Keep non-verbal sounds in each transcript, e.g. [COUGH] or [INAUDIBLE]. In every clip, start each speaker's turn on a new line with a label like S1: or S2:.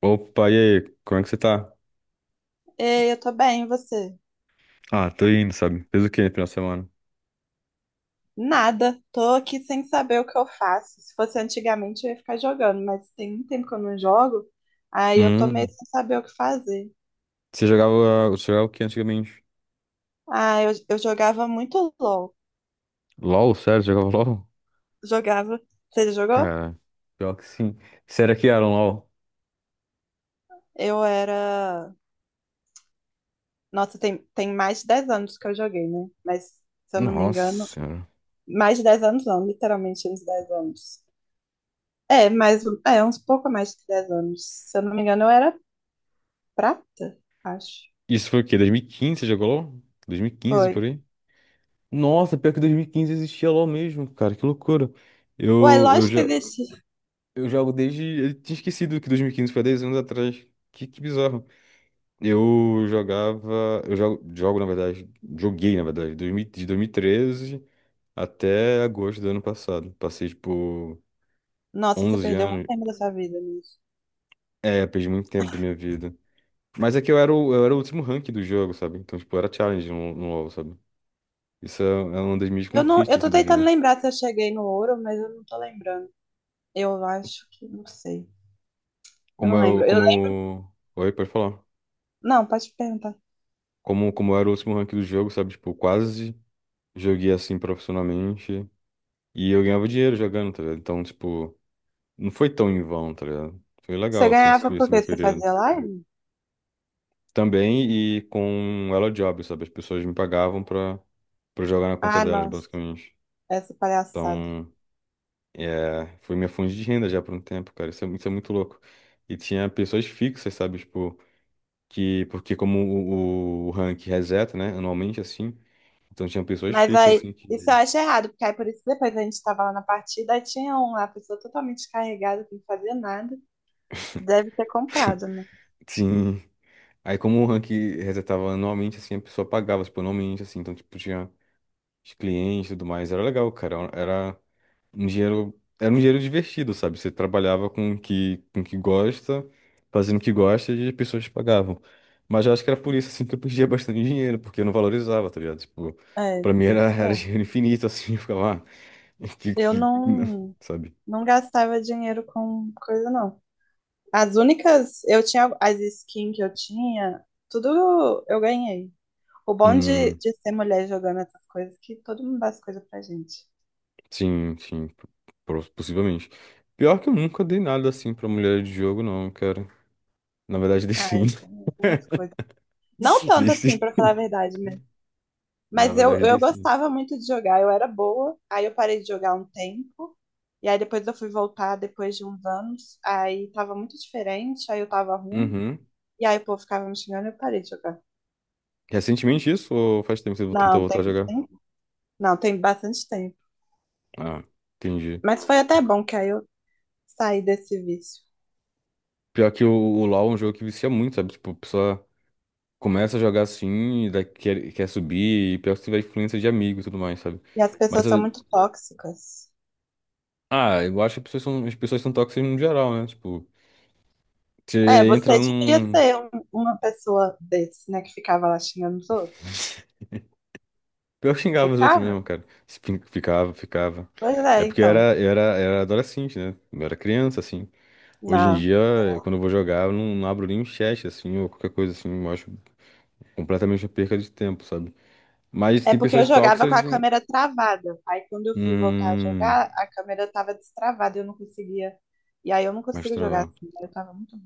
S1: Opa, e aí? Como é que você tá?
S2: Ei, eu tô bem, e você?
S1: Ah, tô indo, sabe? Fez o quê no final de semana?
S2: Nada, tô aqui sem saber o que eu faço. Se fosse antigamente, eu ia ficar jogando, mas tem um tempo que eu não jogo, aí eu tô meio
S1: Hum,
S2: sem saber o que fazer.
S1: você jogava o que antigamente?
S2: Ah, eu jogava muito LOL.
S1: LOL, sério? Você jogava LOL?
S2: Jogava. Você já jogou?
S1: Cara, pior que sim. Será que era um LOL?
S2: Eu era. Nossa, tem mais de 10 anos que eu joguei, né? Mas, se eu não me engano,
S1: Nossa senhora.
S2: mais de 10 anos não, literalmente uns 10 anos. É, mas é uns pouco mais de 10 anos. Se eu não me engano, eu era prata, acho.
S1: Isso foi o quê? 2015 você jogou LOL? 2015,
S2: Foi.
S1: por aí? Nossa, pior que 2015 existia LOL mesmo, cara. Que loucura.
S2: Ué,
S1: Eu, eu,
S2: lógico
S1: já,
S2: que existe.
S1: eu jogo desde. Eu tinha esquecido que 2015 foi 10 anos atrás. Que bizarro. Eu jogava. Eu jogo, jogo, na verdade. Joguei, na verdade, 2013 até agosto do ano passado. Passei, tipo,
S2: Nossa, você
S1: 11
S2: perdeu muito
S1: anos.
S2: tempo da sua vida nisso.
S1: É, perdi muito tempo da minha vida. Mas é que eu era o último rank do jogo, sabe? Então, tipo, era challenge no LoL, sabe? Isso é uma das minhas conquistas,
S2: Eu tô
S1: assim, da
S2: tentando
S1: vida.
S2: lembrar se eu cheguei no ouro, mas eu não tô lembrando. Eu acho que não sei. Eu
S1: Como
S2: não
S1: eu.
S2: lembro.
S1: Como eu. Oi, pode falar.
S2: Não, pode perguntar.
S1: Como eu era o último rank do jogo, sabe? Tipo, quase joguei assim profissionalmente. E eu ganhava dinheiro jogando, tá ligado? Então, tipo. Não foi tão em vão, tá ligado? Foi
S2: Você
S1: legal, assim, esse
S2: ganhava por
S1: esse
S2: quê?
S1: meu
S2: Você
S1: período.
S2: fazia live?
S1: Também e com Elo Job, sabe? As pessoas me pagavam pra jogar na conta
S2: Ah,
S1: delas,
S2: nossa,
S1: basicamente.
S2: essa palhaçada.
S1: Então, é, foi minha fonte de renda já por um tempo, cara. Isso é muito louco. E tinha pessoas fixas, sabe? Tipo, porque como o rank reseta, né? Anualmente, assim. Então tinha pessoas
S2: Mas
S1: fixas,
S2: aí,
S1: assim,
S2: isso eu
S1: que.
S2: acho errado, porque aí por isso que depois a gente tava lá na partida, aí tinha um lá, a pessoa totalmente carregada, que não fazia nada. Deve ter comprado, né?
S1: Sim. Aí como o rank resetava anualmente, assim, a pessoa pagava, tipo, anualmente, assim. Então, tipo, tinha os clientes e tudo mais. Era legal, cara. Era um dinheiro divertido, sabe? Você trabalhava com o que gosta, fazendo o que gosta e as pessoas te pagavam. Mas eu acho que era por isso, assim, que eu perdia bastante dinheiro, porque eu não valorizava, tá ligado? Tipo,
S2: É,
S1: pra mim era,
S2: isso
S1: era
S2: é.
S1: dinheiro infinito, assim, [LAUGHS] eu ficava, ah, [LAUGHS] que,
S2: Eu
S1: que, não",
S2: não,
S1: sabe?
S2: Não gastava dinheiro com coisa, não. As únicas, eu tinha as skins que eu tinha, tudo eu ganhei. O bom de,
S1: Hum,
S2: de ser mulher jogando essas coisas é que todo mundo dá as coisas pra gente.
S1: sim, sim, possivelmente. Pior que eu nunca dei nada, assim, pra mulher de jogo, não, cara. Na verdade, dei
S2: Ah,
S1: sim.
S2: eu ganhei algumas
S1: [LAUGHS]
S2: coisas. Não
S1: Dei
S2: tanto
S1: sim.
S2: assim, pra falar a verdade, né?
S1: Na
S2: Mas eu,
S1: verdade,
S2: eu
S1: dei sim.
S2: gostava muito de jogar, eu era boa. Aí eu parei de jogar um tempo. E aí depois eu fui voltar depois de uns anos. Aí tava muito diferente, aí eu tava ruim.
S1: Uhum.
S2: E aí o povo ficava me xingando e eu parei de jogar.
S1: Recentemente isso ou faz tempo que você tentou
S2: Não,
S1: voltar a jogar?
S2: não, tem bastante tempo.
S1: Ah, entendi.
S2: Mas foi até bom, que aí eu sair desse vício.
S1: Pior que o LoL é um jogo que vicia muito, sabe? Tipo, a pessoa começa a jogar assim, e daí quer subir, e pior que você vai influência de amigo e tudo mais, sabe?
S2: E as
S1: Mas,
S2: pessoas são muito tóxicas.
S1: ah, eu acho que as pessoas são tóxicas no geral, né? Tipo,
S2: É,
S1: você
S2: você
S1: entra
S2: devia
S1: num.
S2: ser uma pessoa desse, né, que ficava lá xingando os outros.
S1: [LAUGHS] Pior que xingava os outros
S2: Ficava?
S1: mesmo, cara. Se fin- Ficava, ficava.
S2: Pois
S1: É
S2: é,
S1: porque eu
S2: então.
S1: era, eu era, era adolescente, né? Eu era criança, assim. Hoje em
S2: Não.
S1: dia, quando eu vou jogar, eu não abro nem o chat, assim, ou qualquer coisa assim. Eu acho completamente uma perca de tempo, sabe? Mas
S2: É
S1: tem
S2: porque eu
S1: pessoas
S2: jogava com
S1: tóxicas
S2: a
S1: em.
S2: câmera travada. Aí quando eu fui voltar a
S1: Hum,
S2: jogar, a câmera tava destravada e eu não conseguia. E aí eu não
S1: mas
S2: consigo jogar assim, né? Eu tava muito.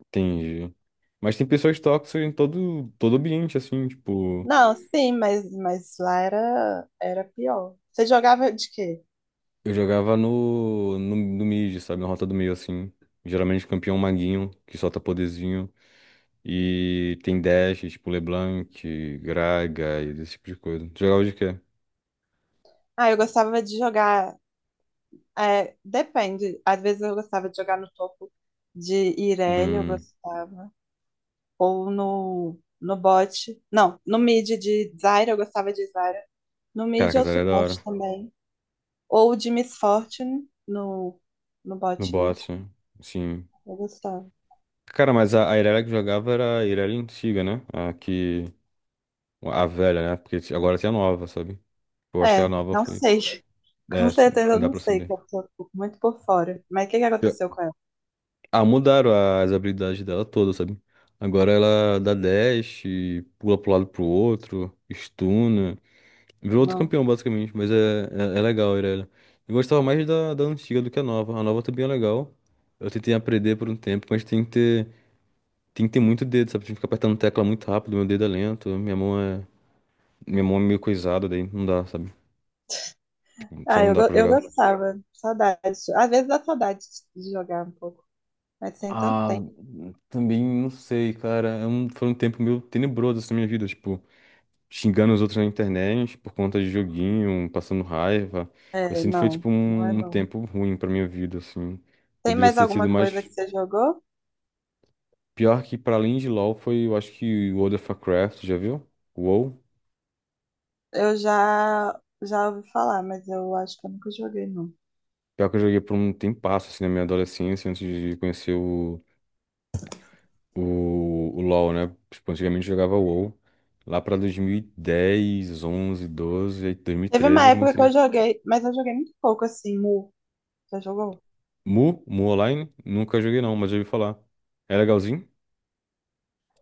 S1: entendi. Mas tem pessoas tóxicas em todo ambiente, assim, tipo.
S2: Não, sim, mas lá era pior. Você jogava de quê?
S1: Eu jogava no mid, sabe? Na rota do meio, assim. Geralmente campeão maguinho, que solta poderzinho. E tem dash, tipo LeBlanc, Graga e esse tipo de coisa. Tu jogava de quê?
S2: Ah, eu gostava de jogar. É, depende. Às vezes eu gostava de jogar no topo de Irelia, eu
S1: Hum,
S2: gostava. Ou no bot. Não, no mid de Zyra, eu gostava de Zyra. No mid
S1: cara,
S2: eu
S1: Casaria é da
S2: suporte
S1: hora.
S2: também. Ou de Miss Fortune no
S1: No
S2: bot, né?
S1: bot, sim.
S2: Eu gostava.
S1: Cara, mas a Irelia que jogava era a Irelia antiga, né? A que. A velha, né? Porque agora tem a nova, sabe? Eu acho que a
S2: É,
S1: nova
S2: não
S1: foi.
S2: sei. [LAUGHS]
S1: É,
S2: Com
S1: assim,
S2: certeza
S1: não
S2: eu
S1: dá
S2: não
S1: pra
S2: sei, que
S1: saber.
S2: eu tô muito por fora. Mas o que que
S1: Eu-
S2: aconteceu com ela?
S1: Ah, mudaram as habilidades dela toda, sabe? Agora ela dá dash, pula pro lado pro outro, stuna. Virou outro
S2: Não.
S1: campeão, basicamente. Mas é, é legal, a Irelia. Eu gostava mais da antiga do que a nova. A nova também é legal. Eu tentei aprender por um tempo, mas tem que ter muito dedo, sabe? Tem que ficar apertando tecla muito rápido, meu dedo é lento, minha mão é. Minha mão é meio coisada, daí não dá, sabe? Só
S2: Ah,
S1: não dá pra
S2: eu
S1: jogar.
S2: gostava. Saudade. Às vezes dá saudade de jogar um pouco. Mas sem tanto
S1: Ah,
S2: tempo.
S1: também não sei, cara. Foi um tempo meio tenebroso assim, na minha vida, tipo, xingando os outros na internet por conta de joguinho, passando raiva. Eu
S2: É,
S1: sinto que foi,
S2: não,
S1: tipo,
S2: não é
S1: um
S2: não.
S1: tempo ruim pra minha vida, assim.
S2: Tem
S1: Poderia
S2: mais
S1: ter sido
S2: alguma coisa que
S1: mais.
S2: você jogou?
S1: Pior que, pra além de LoL, foi, eu acho que World of Warcraft, já viu? WoW.
S2: Eu já ouvi falar, mas eu acho que eu nunca joguei, não.
S1: Pior que eu joguei por um tempasso, assim, na minha adolescência, antes de conhecer o LoL, né? Tipo, antigamente eu jogava WoW. Lá pra 2010, 11, 12, aí
S2: Teve
S1: 2013
S2: uma
S1: eu
S2: época que
S1: comecei.
S2: eu joguei, mas eu joguei muito pouco, assim, Mu. Já jogou?
S1: Mu, Mu Online, nunca joguei não, mas já ouvi falar. É legalzinho?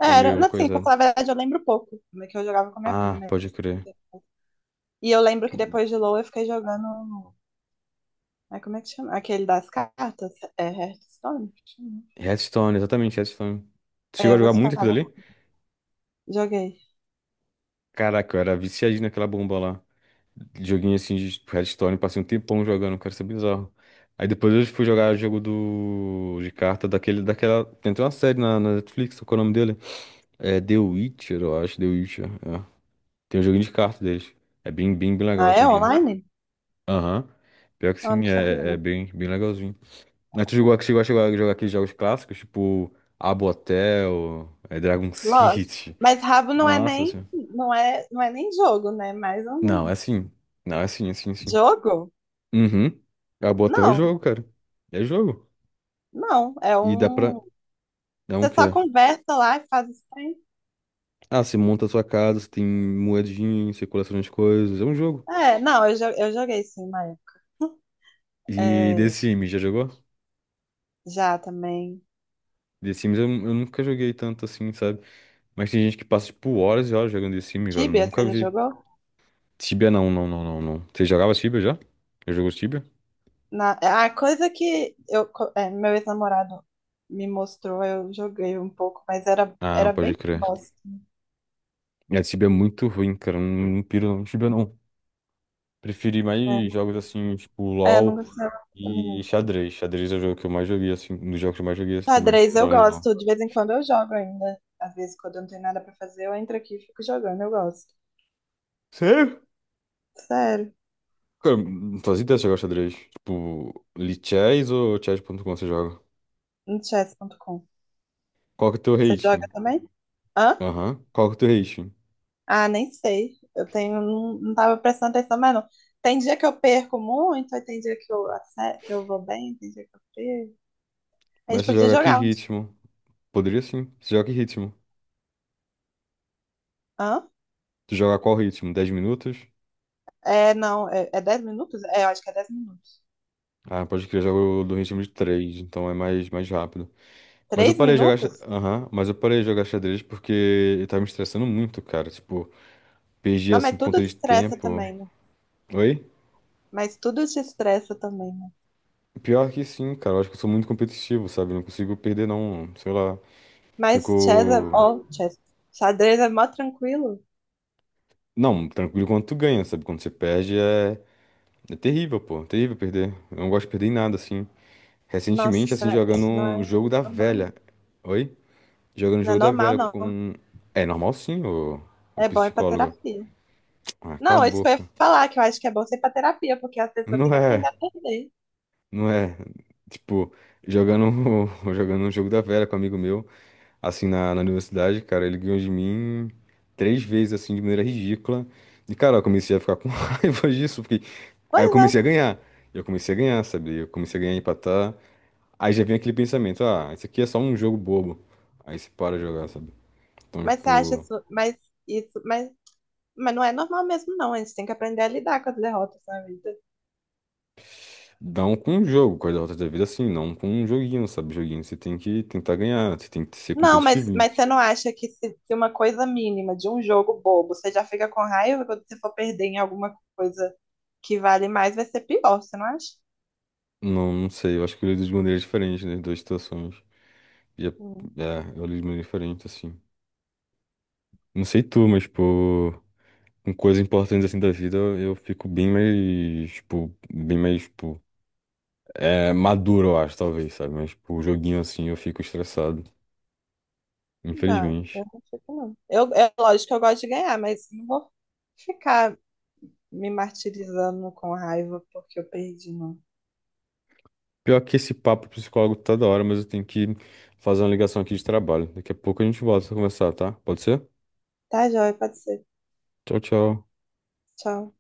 S2: É,
S1: Ou é
S2: era,
S1: meio
S2: não, assim, pra
S1: coisa.
S2: falar a verdade, eu lembro pouco, né, que eu jogava com a minha
S1: Ah,
S2: prima.
S1: pode
S2: Mas-
S1: crer.
S2: E eu lembro que depois de LoL eu fiquei jogando, é como é que chama? Aquele das cartas, é Hearthstone? Que chama?
S1: Hearthstone, exatamente, Hearthstone. Você chegou
S2: É,
S1: a
S2: eu
S1: jogar muito aquilo
S2: gostava,
S1: ali?
S2: joguei.
S1: Caraca, eu era viciadinho naquela bomba lá. Joguinho assim de Hearthstone, passei um tempão jogando, cara, isso é bizarro. Aí depois eu fui jogar jogo de carta daquele, daquela. Tem até uma série na Netflix, qual é o nome dele? É The Witcher, eu acho, The Witcher. É. Tem um joguinho de carta deles. É bem, bem, bem legal
S2: Ah,
S1: esse
S2: é
S1: joguinho.
S2: online?
S1: Aham. Pior que
S2: Eu não
S1: sim,
S2: sabia.
S1: é, bem, bem legalzinho. Mas tu jogou, chegou a chegar a jogar aqueles jogos clássicos, tipo Habbo Hotel, é, Dragon [LAUGHS]
S2: Lógico.
S1: City.
S2: Mas rabo
S1: Nossa senhora.
S2: não é nem jogo, né? Mais
S1: Não,
S2: um
S1: é sim. Não, é sim, é sim, é sim.
S2: jogo?
S1: Uhum. Habbo Hotel é
S2: Não,
S1: jogo, cara. É jogo.
S2: não. É
S1: E dá pra.
S2: um.
S1: É um
S2: Você só
S1: quê?
S2: conversa lá e faz isso aí.
S1: Ah, você monta a sua casa, você tem moedinha, você coleciona as coisas. É um jogo.
S2: É, não, eu joguei sim uma época. [LAUGHS]
S1: E
S2: É,
S1: The Sims, já jogou?
S2: já também.
S1: The Sims eu nunca joguei tanto assim, sabe? Mas tem gente que passa, tipo, horas e horas jogando The Sims, velho. Eu
S2: Tibia,
S1: nunca
S2: você já
S1: vi.
S2: jogou?
S1: Tibia não, não, não, não, não. Você jogava Tibia já? Já jogou Tibia?
S2: Na, a coisa que é, meu ex-namorado me mostrou, eu joguei um pouco, mas era,
S1: Ah,
S2: era
S1: pode
S2: bem
S1: crer.
S2: bosta.
S1: É, Tibia é muito ruim, cara. Eu não piro não. Tibia não. Preferi mais jogos assim, tipo,
S2: É, eu não
S1: LoL
S2: gostava também.
S1: e
S2: Não.
S1: xadrez. Xadrez é o jogo que eu mais joguei, assim, um dos jogos que eu mais joguei assim também,
S2: Xadrez
S1: pra
S2: eu
S1: além do LoL.
S2: gosto, de vez em quando eu jogo ainda. Às vezes, quando eu não tenho nada pra fazer, eu entro aqui e fico jogando, eu gosto.
S1: Sério?
S2: Sério,
S1: Cara, não fazia ideia de jogar xadrez. Tipo, Lichess ou chess.com você joga?
S2: no chess.com.
S1: Qual que é o teu
S2: Você joga
S1: rating?
S2: também? Hã?
S1: Aham. Qual que é o teu rating?
S2: Ah, nem sei. Não tava prestando atenção, mas não. Tem dia que eu perco muito, aí tem dia que que eu vou bem, tem dia que eu perco. A gente
S1: Mas você
S2: podia
S1: joga que
S2: jogar uns.
S1: ritmo? Poderia sim. Você joga que ritmo?
S2: Hã?
S1: Tu joga qual ritmo? 10 minutos?
S2: É, não, é 10 minutos? É, eu acho que é 10 minutos.
S1: Ah, pode crer, eu jogo do ritmo de 3 então é mais rápido. Mas eu
S2: três
S1: parei de jogar,
S2: minutos?
S1: aham, mas eu parei de jogar xadrez porque eu tava me estressando muito, cara. Tipo, perdi
S2: Não,
S1: assim
S2: mas
S1: por
S2: tudo
S1: conta
S2: te
S1: de
S2: estressa
S1: tempo.
S2: também, né?
S1: Oi?
S2: Mas tudo te estressa também, né?
S1: Pior que sim, cara. Eu acho que eu sou muito competitivo, sabe? Eu não consigo perder, não. Sei lá.
S2: Mas chess é,
S1: Fico.
S2: ó, chess, xadrez é mó tranquilo.
S1: Não, tranquilo quando tu ganha, sabe? Quando você perde é. É terrível, pô. Terrível perder. Eu não gosto de perder em nada, assim.
S2: Nossa,
S1: Recentemente,
S2: isso,
S1: assim, jogando
S2: isso não é
S1: um jogo da
S2: normal.
S1: velha.
S2: Não.
S1: Oi? Jogando um
S2: É
S1: jogo da
S2: normal,
S1: velha
S2: não.
S1: com. É normal sim, o
S2: É bom ir pra
S1: psicólogo.
S2: terapia.
S1: Ah, cala a
S2: Não, é isso que eu ia
S1: boca.
S2: falar, que eu acho que é bom ser pra terapia, porque as pessoas têm
S1: Não
S2: que aprender
S1: é,
S2: a perder.
S1: não é. Tipo, jogando, [LAUGHS] jogando um jogo da velha com um amigo meu, assim, na universidade, cara, ele ganhou de mim 3 vezes, assim, de maneira ridícula. E, cara, eu comecei a ficar com [LAUGHS] raiva disso, porque. Aí eu
S2: Pois é,
S1: comecei a ganhar. Eu comecei a ganhar, sabe? Eu comecei a ganhar, empatar. Aí já vem aquele pensamento, ah, isso aqui é só um jogo bobo. Aí você para de jogar, sabe? Então,
S2: mas você acha
S1: tipo,
S2: isso, isso, mas, mas não é normal mesmo, não. A gente tem que aprender a lidar com as derrotas na vida.
S1: não com um jogo, com as derrotas da vida assim, não com um joguinho, sabe? Joguinho você tem que tentar ganhar, você tem que ser
S2: Não, mas,
S1: competitivo.
S2: mas você não acha que se uma coisa mínima de um jogo bobo, você já fica com raiva quando você for perder em alguma coisa que vale mais, vai ser pior, você não acha?
S1: Não, não sei, eu acho que eu lido de maneiras diferentes nas duas situações. E é,
S2: Hum.
S1: é, eu lido de maneira diferente, assim. Não sei tu, mas, tipo, com coisas importantes assim da vida, eu fico bem mais, tipo, maduro, eu acho, talvez, sabe? Mas, tipo, joguinho assim, eu fico estressado,
S2: Não dá,
S1: infelizmente.
S2: eu não fico, não. É lógico que eu gosto de ganhar, mas não vou ficar me martirizando com raiva porque eu perdi, não.
S1: Pior que esse papo psicólogo tá da hora, mas eu tenho que fazer uma ligação aqui de trabalho. Daqui a pouco a gente volta a conversar, tá? Pode ser?
S2: Tá, joia, pode ser.
S1: Tchau, tchau.
S2: Tchau.